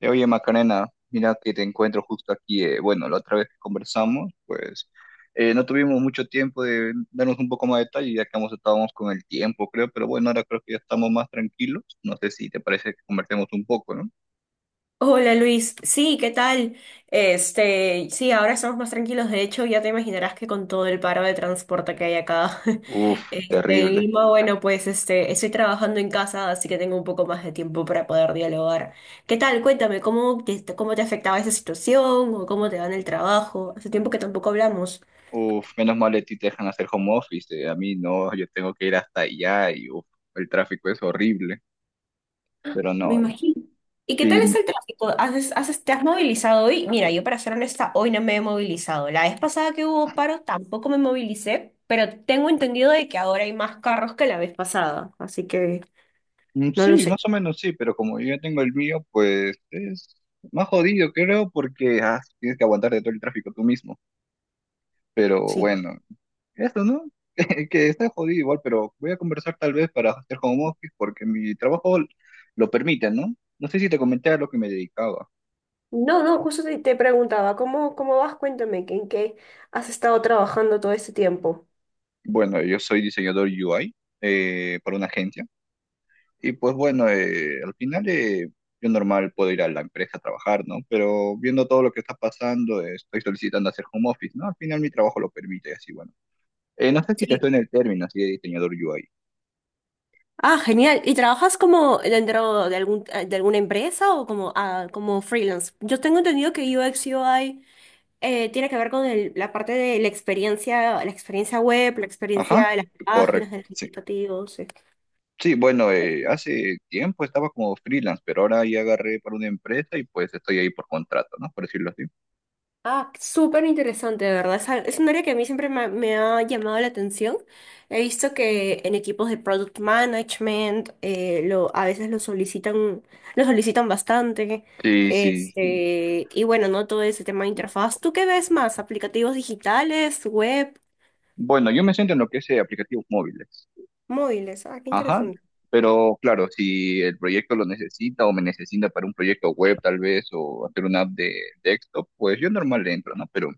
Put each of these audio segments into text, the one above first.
Oye, Macarena, mira que te encuentro justo aquí. Bueno, la otra vez que conversamos, pues no tuvimos mucho tiempo de darnos un poco más de detalle, ya que ambos estábamos con el tiempo, creo, pero bueno, ahora creo que ya estamos más tranquilos. No sé si te parece que conversemos un poco, ¿no? Hola Luis, sí, ¿qué tal? Sí, ahora estamos más tranquilos. De hecho, ya te imaginarás que con todo el paro de transporte que hay acá Uf, en terrible. Lima, bueno, pues estoy trabajando en casa, así que tengo un poco más de tiempo para poder dialogar. ¿Qué tal? Cuéntame, ¿cómo te afectaba esa situación o cómo te va en el trabajo? Hace tiempo que tampoco hablamos. Uf, menos mal a ti te dejan hacer home office, a mí no, yo tengo que ir hasta allá y uf, el tráfico es horrible, pero Me no, imagino. ¿Y qué tal sí. es el tráfico? ¿Te has movilizado hoy? Mira, yo para ser honesta, hoy no me he movilizado. La vez pasada que hubo paro tampoco me movilicé, pero tengo entendido de que ahora hay más carros que la vez pasada, así que Mm, no lo sí, sé. más o menos sí, pero como yo ya tengo el mío, pues es más jodido, creo, porque tienes que aguantar de todo el tráfico tú mismo. Pero Sí. bueno, eso, ¿no? Que está jodido igual, pero voy a conversar tal vez para hacer home office porque mi trabajo lo permite, ¿no? No sé si te comenté a lo que me dedicaba. No, no, justo te preguntaba, ¿cómo vas? Cuéntame, ¿en qué has estado trabajando todo este tiempo? Bueno, yo soy diseñador UI para una agencia. Y pues bueno, al final yo normal puedo ir a la empresa a trabajar, ¿no? Pero viendo todo lo que está pasando, estoy solicitando hacer home office, ¿no? Al final mi trabajo lo permite, así bueno. No sé si te Sí. suena el término así de diseñador UI. Ah, genial. ¿Y trabajas como dentro de algún, de alguna empresa o como, ah, como freelance? Yo tengo entendido que UX UI tiene que ver con la parte de la experiencia web, la experiencia Ajá, de las páginas, correcto, de los sí. indicativos. Sí, bueno, hace tiempo estaba como freelance, pero ahora ya agarré para una empresa y pues estoy ahí por contrato, ¿no? Por decirlo así. Ah, súper interesante, de verdad. Es un área que a mí siempre me ha llamado la atención. He visto que en equipos de product management a veces lo solicitan bastante. Sí, sí, sí. Y bueno, no todo ese tema de interfaz. ¿Tú qué ves más? ¿Aplicativos digitales, web, Bueno, yo me siento en lo que es aplicativos móviles. móviles? Ah, qué Ajá, interesante. pero claro, si el proyecto lo necesita o me necesita para un proyecto web tal vez o hacer una app de desktop, pues yo normal le entro, ¿no? Pero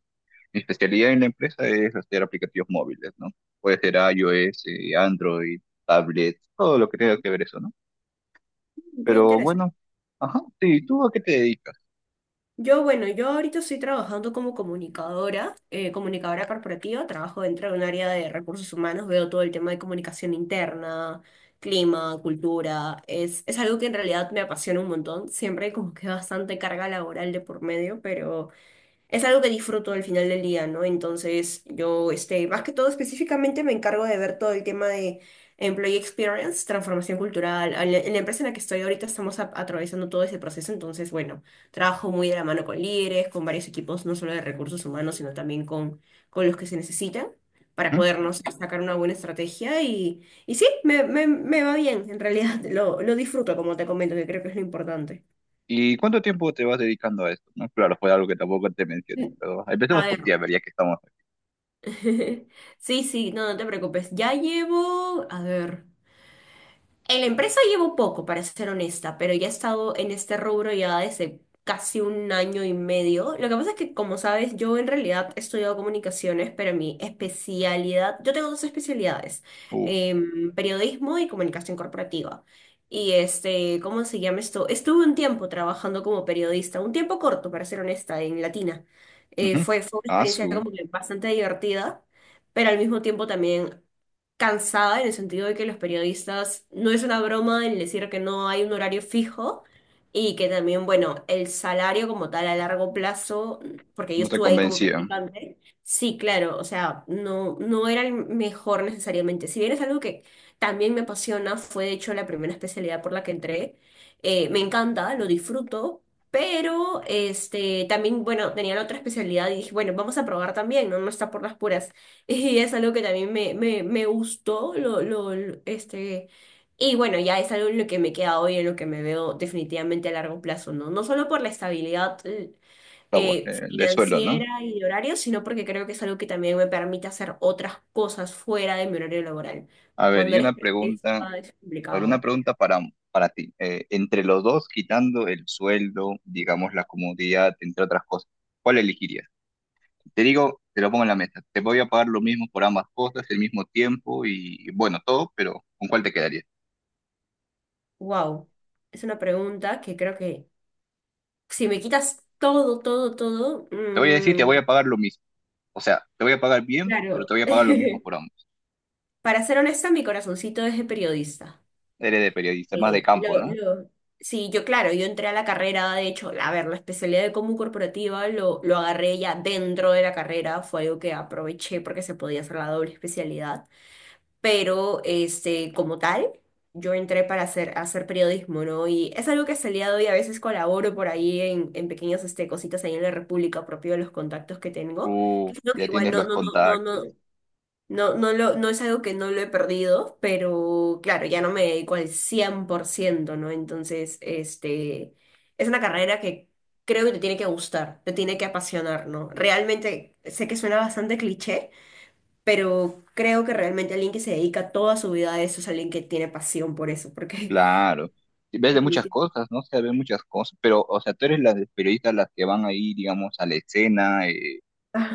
mi especialidad en la empresa es hacer aplicativos móviles, ¿no? Puede ser iOS, Android, tablet, todo lo que tenga que ver eso, ¿no? Qué Pero interesante. bueno, ajá, sí, ¿tú a qué te dedicas? Bueno, yo ahorita estoy trabajando como comunicadora, comunicadora corporativa, trabajo dentro de un área de recursos humanos, veo todo el tema de comunicación interna, clima, cultura, es algo que en realidad me apasiona un montón, siempre hay como que bastante carga laboral de por medio, pero es algo que disfruto al final del día, ¿no? Entonces, yo, más que todo específicamente me encargo de ver todo el tema de employee experience, transformación cultural. En la empresa en la que estoy ahorita estamos atravesando todo ese proceso, entonces, bueno, trabajo muy de la mano con líderes, con varios equipos, no solo de recursos humanos, sino también con los que se necesitan para Ujú. podernos sacar una buena estrategia y, sí, me va bien, en realidad lo disfruto, como te comento, que creo que es lo importante. ¿Y cuánto tiempo te vas dedicando a esto? ¿No? Claro, fue algo que tampoco te mencioné, pero empecemos A por ver. ti, a ver, ya que estamos. Sí, sí, no, no te preocupes. Ya llevo, a ver. En la empresa llevo poco, para ser honesta, pero ya he estado en este rubro ya desde casi un año y medio. Lo que pasa es que, como sabes, yo en realidad he estudiado comunicaciones, pero mi especialidad, yo tengo dos especialidades, Uh, periodismo y comunicación corporativa. Y ¿cómo se llama esto? Estuve un tiempo trabajando como periodista, un tiempo corto, para ser honesta, en Latina. Eh, ujú. fue, fue una Ah, experiencia su, como que bastante divertida, pero al mismo tiempo también cansada en el sentido de que los periodistas, no es una broma el decir que no hay un horario fijo y que también, bueno, el salario como tal a largo plazo, porque yo no te estuve ahí como convencía, practicante, sí, claro, o sea, no, no era el mejor necesariamente. Si bien es algo que también me apasiona, fue de hecho la primera especialidad por la que entré, me encanta, lo disfruto. Pero también, bueno, tenía la otra especialidad y dije, bueno, vamos a probar también, ¿no? No está por las puras. Y es algo que también me gustó, y bueno, ya es algo en lo que me queda hoy, en lo que me veo definitivamente a largo plazo, ¿no? No solo por la estabilidad está de suelo, ¿no? financiera y de horario, sino porque creo que es algo que también me permite hacer otras cosas fuera de mi horario laboral. A ver, Cuando y una eres pregunta, periodista es a ver, una complicado. pregunta para ti. Entre los dos, quitando el sueldo, digamos, la comodidad, entre otras cosas, ¿cuál elegirías? Te digo, te lo pongo en la mesa. Te voy a pagar lo mismo por ambas cosas, el mismo tiempo y, bueno, todo, pero ¿con cuál te quedarías? Wow, es una pregunta que creo que si me quitas todo, todo, todo, Te voy a decir, te voy a pagar lo mismo. O sea, te voy a pagar bien, pero te claro. voy a pagar lo mismo por ambos. Para ser honesta, mi corazoncito es de periodista. Eres de periodista, más de Eh, campo, lo, ¿no? lo- sí, yo claro, yo entré a la carrera, de hecho, a ver, la especialidad de común corporativa lo agarré ya dentro de la carrera, fue algo que aproveché porque se podía hacer la doble especialidad, pero como tal, yo entré para hacer periodismo, ¿no? Y es algo que hasta el día de hoy a veces colaboro por ahí en, en pequeñas cositas ahí en la República, propio de los contactos que tengo, que es algo que Ya igual tienes los contactos. No es algo que no lo he perdido, pero claro, ya no me dedico al 100%, ¿no? Entonces, es una carrera que creo que te tiene que gustar, te tiene que apasionar, ¿no? Realmente, sé que suena bastante cliché, pero creo que realmente alguien que se dedica toda su vida a eso es alguien que tiene pasión por eso, porque... Claro. Y ves de muchas cosas, ¿no? O sea, ves muchas cosas, pero, o sea, tú eres las periodistas las que van ahí, digamos, a la escena,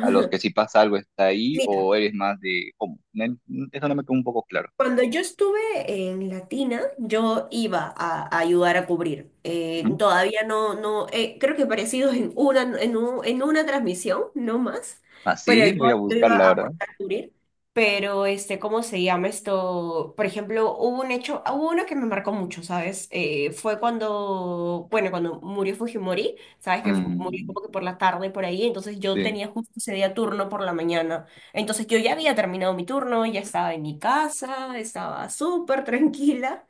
a los que si pasa algo está ahí, Mira, o eres más de, ¿cómo? Me- eso no me quedó un poco claro. cuando yo estuve en Latina, yo iba a ayudar a cubrir. Eh, ¿Mm? todavía no, no, creo que parecido en una, en en una transmisión, no más, pero Así yo, voy a yo buscar, iba la a verdad. aportar a cubrir. Pero, ¿cómo se llama esto? Por ejemplo, hubo un hecho, hubo uno que me marcó mucho, ¿sabes? Fue cuando, bueno, cuando murió Fujimori, ¿sabes? Que murió Mm, como que por la tarde, por ahí, entonces yo sí, tenía justo ese día turno por la mañana. Entonces yo ya había terminado mi turno, ya estaba en mi casa, estaba súper tranquila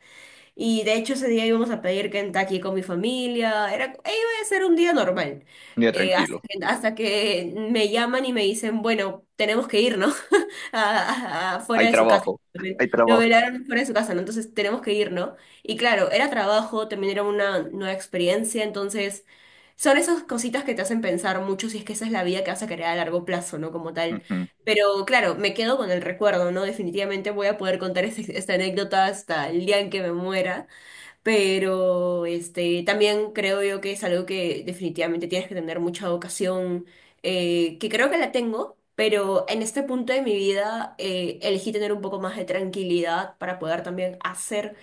y de hecho ese día íbamos a pedir Kentucky con mi familia, era, e iba a ser un día normal. ya Eh, hasta tranquilo. que, hasta que me llaman y me dicen, bueno, tenemos que ir, ¿no? Fuera Hay de su casa. trabajo, hay Lo trabajo. velaron fuera de su casa, ¿no? Entonces tenemos que ir, ¿no? Y claro, era trabajo, también era una nueva experiencia, entonces son esas cositas que te hacen pensar mucho si es que esa es la vida que vas a querer a largo plazo, ¿no? Como tal. Ujú, Pero claro, me quedo con el recuerdo, ¿no? Definitivamente voy a poder contar esta anécdota hasta el día en que me muera, pero también creo yo que es algo que definitivamente tienes que tener mucha vocación, que creo que la tengo, pero en este punto de mi vida elegí tener un poco más de tranquilidad para poder también hacer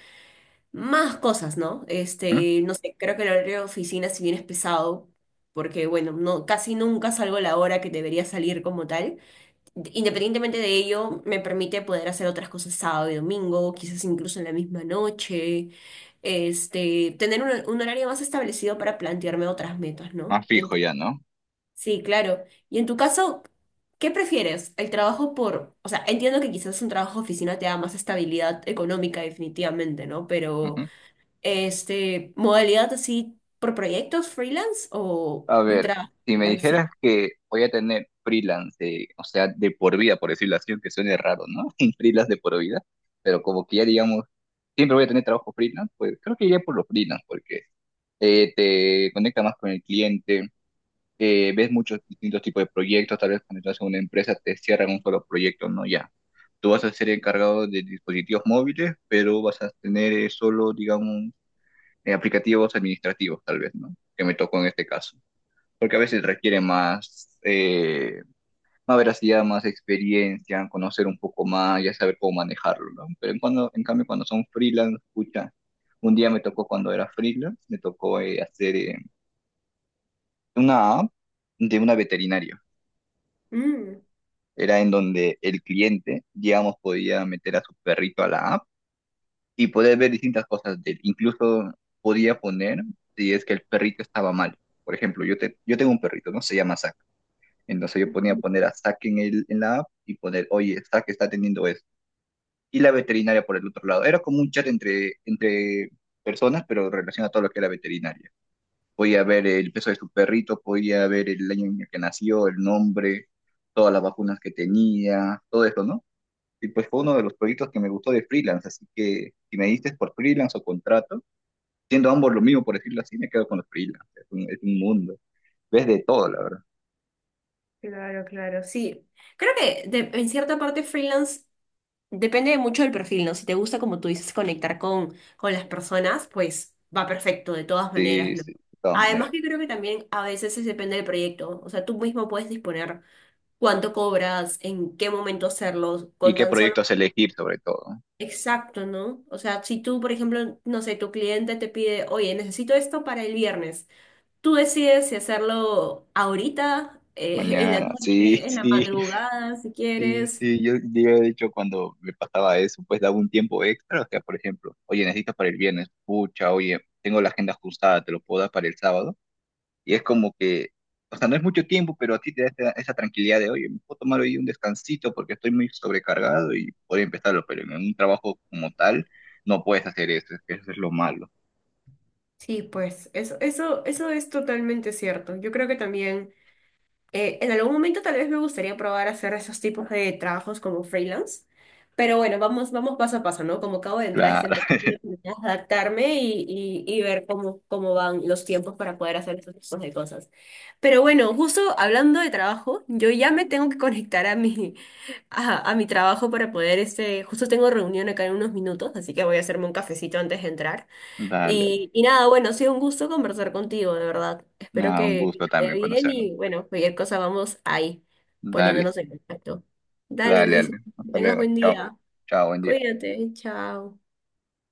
más cosas, ¿no? ujú. No sé, creo que el horario de oficina si bien es pesado, porque bueno, no, casi nunca salgo a la hora que debería salir como tal. Independientemente de ello, me permite poder hacer otras cosas sábado y domingo, quizás incluso en la misma noche, tener un horario más establecido para plantearme otras metas, ¿no? Más fijo Entonces, ya, ¿no? sí, claro. Y en tu caso, ¿qué prefieres? El trabajo por, o sea, entiendo que quizás un trabajo de oficina te da más estabilidad económica definitivamente, ¿no? Pero, Ujú. Modalidad así por proyectos freelance o A un ver, trabajo si me al fin. dijeras que voy a tener freelance, de- o sea, de por vida, por decirlo así, que suene raro, ¿no? Freelance de por vida, pero como que ya digamos, siempre voy a tener trabajo freelance, pues creo que iría por los freelance, porque te conecta más con el cliente, ves muchos distintos tipos de proyectos, tal vez cuando estás en una empresa te cierran un solo proyecto, ¿no? Ya. Tú vas a ser encargado de dispositivos móviles, pero vas a tener solo, digamos, aplicativos administrativos, tal vez, ¿no? Que me tocó en este caso porque a veces requiere más, más veracidad, más experiencia, conocer un poco más, ya saber cómo manejarlo, ¿no? Pero en cambio cuando son freelance, escucha, un día me tocó cuando era freelance, me tocó hacer una app de una veterinaria. Era en donde el cliente, digamos, podía meter a su perrito a la app y poder ver distintas cosas de él. Incluso podía poner si es que el perrito estaba mal. Por ejemplo, yo tengo un perrito, ¿no? Se llama Zack. Entonces yo ponía poner a Zack en, el, en la app y poner, oye, Zack está teniendo esto. Y la veterinaria por el otro lado. Era como un chat entre, entre personas, pero relacionado a todo lo que era veterinaria. Podía ver el peso de su perrito, podía ver el año en el que nació, el nombre, todas las vacunas que tenía, todo eso, ¿no? Y pues fue uno de los proyectos que me gustó de freelance, así que si me diste por freelance o contrato, siendo ambos lo mismo, por decirlo así, me quedo con los freelance. Es un mundo. Ves de todo, la verdad. Claro, claro, sí. Creo que en cierta parte freelance depende mucho del perfil, ¿no? Si te gusta, como tú dices, conectar con las personas, pues va perfecto de todas maneras, Sí, ¿no? sí, de todas Además maneras. que creo que también a veces es depende del proyecto, o sea, tú mismo puedes disponer cuánto cobras, en qué momento hacerlo, ¿Y con qué tan solo... proyectos elegir sobre todo? ¿No? Exacto, ¿no? O sea, si tú, por ejemplo, no sé, tu cliente te pide, oye, necesito esto para el viernes. Tú decides si hacerlo ahorita, en la Mañana, sí, noche, en la sí, madrugada, si sí, quieres. sí. Yo de hecho cuando me pasaba eso, pues daba un tiempo extra. O sea, por ejemplo, oye, necesitas para el viernes, pucha, oye, tengo la agenda ajustada, te lo puedo dar para el sábado. Y es como que, o sea, no es mucho tiempo, pero a ti te da esa, esa tranquilidad de, oye, me puedo tomar hoy un descansito porque estoy muy sobrecargado y puedo empezarlo, pero en un trabajo como tal no puedes hacer eso, es que eso es lo malo. Sí, pues eso es totalmente cierto. Yo creo que también, en algún momento tal vez me gustaría probar hacer esos tipos de trabajos como freelance, pero bueno, vamos, vamos paso a paso, ¿no? Como acabo de entrar a esta Claro, empresa, quiero terminar de adaptarme y ver cómo van los tiempos para poder hacer esos tipos de cosas. Pero bueno, justo hablando de trabajo, yo ya me tengo que conectar a mi trabajo para poder, justo tengo reunión acá en unos minutos, así que voy a hacerme un cafecito antes de entrar. dale, Y nada, bueno, ha sido un gusto conversar contigo, de verdad. Espero nada, un que gusto te vaya también bien conocernos. y bueno, cualquier cosa vamos ahí, Dale. poniéndonos en contacto. Dale, Dale, Luis, dale. que Hasta tengas luego. buen Chao. día. Chao, buen día. Cuídate, chao.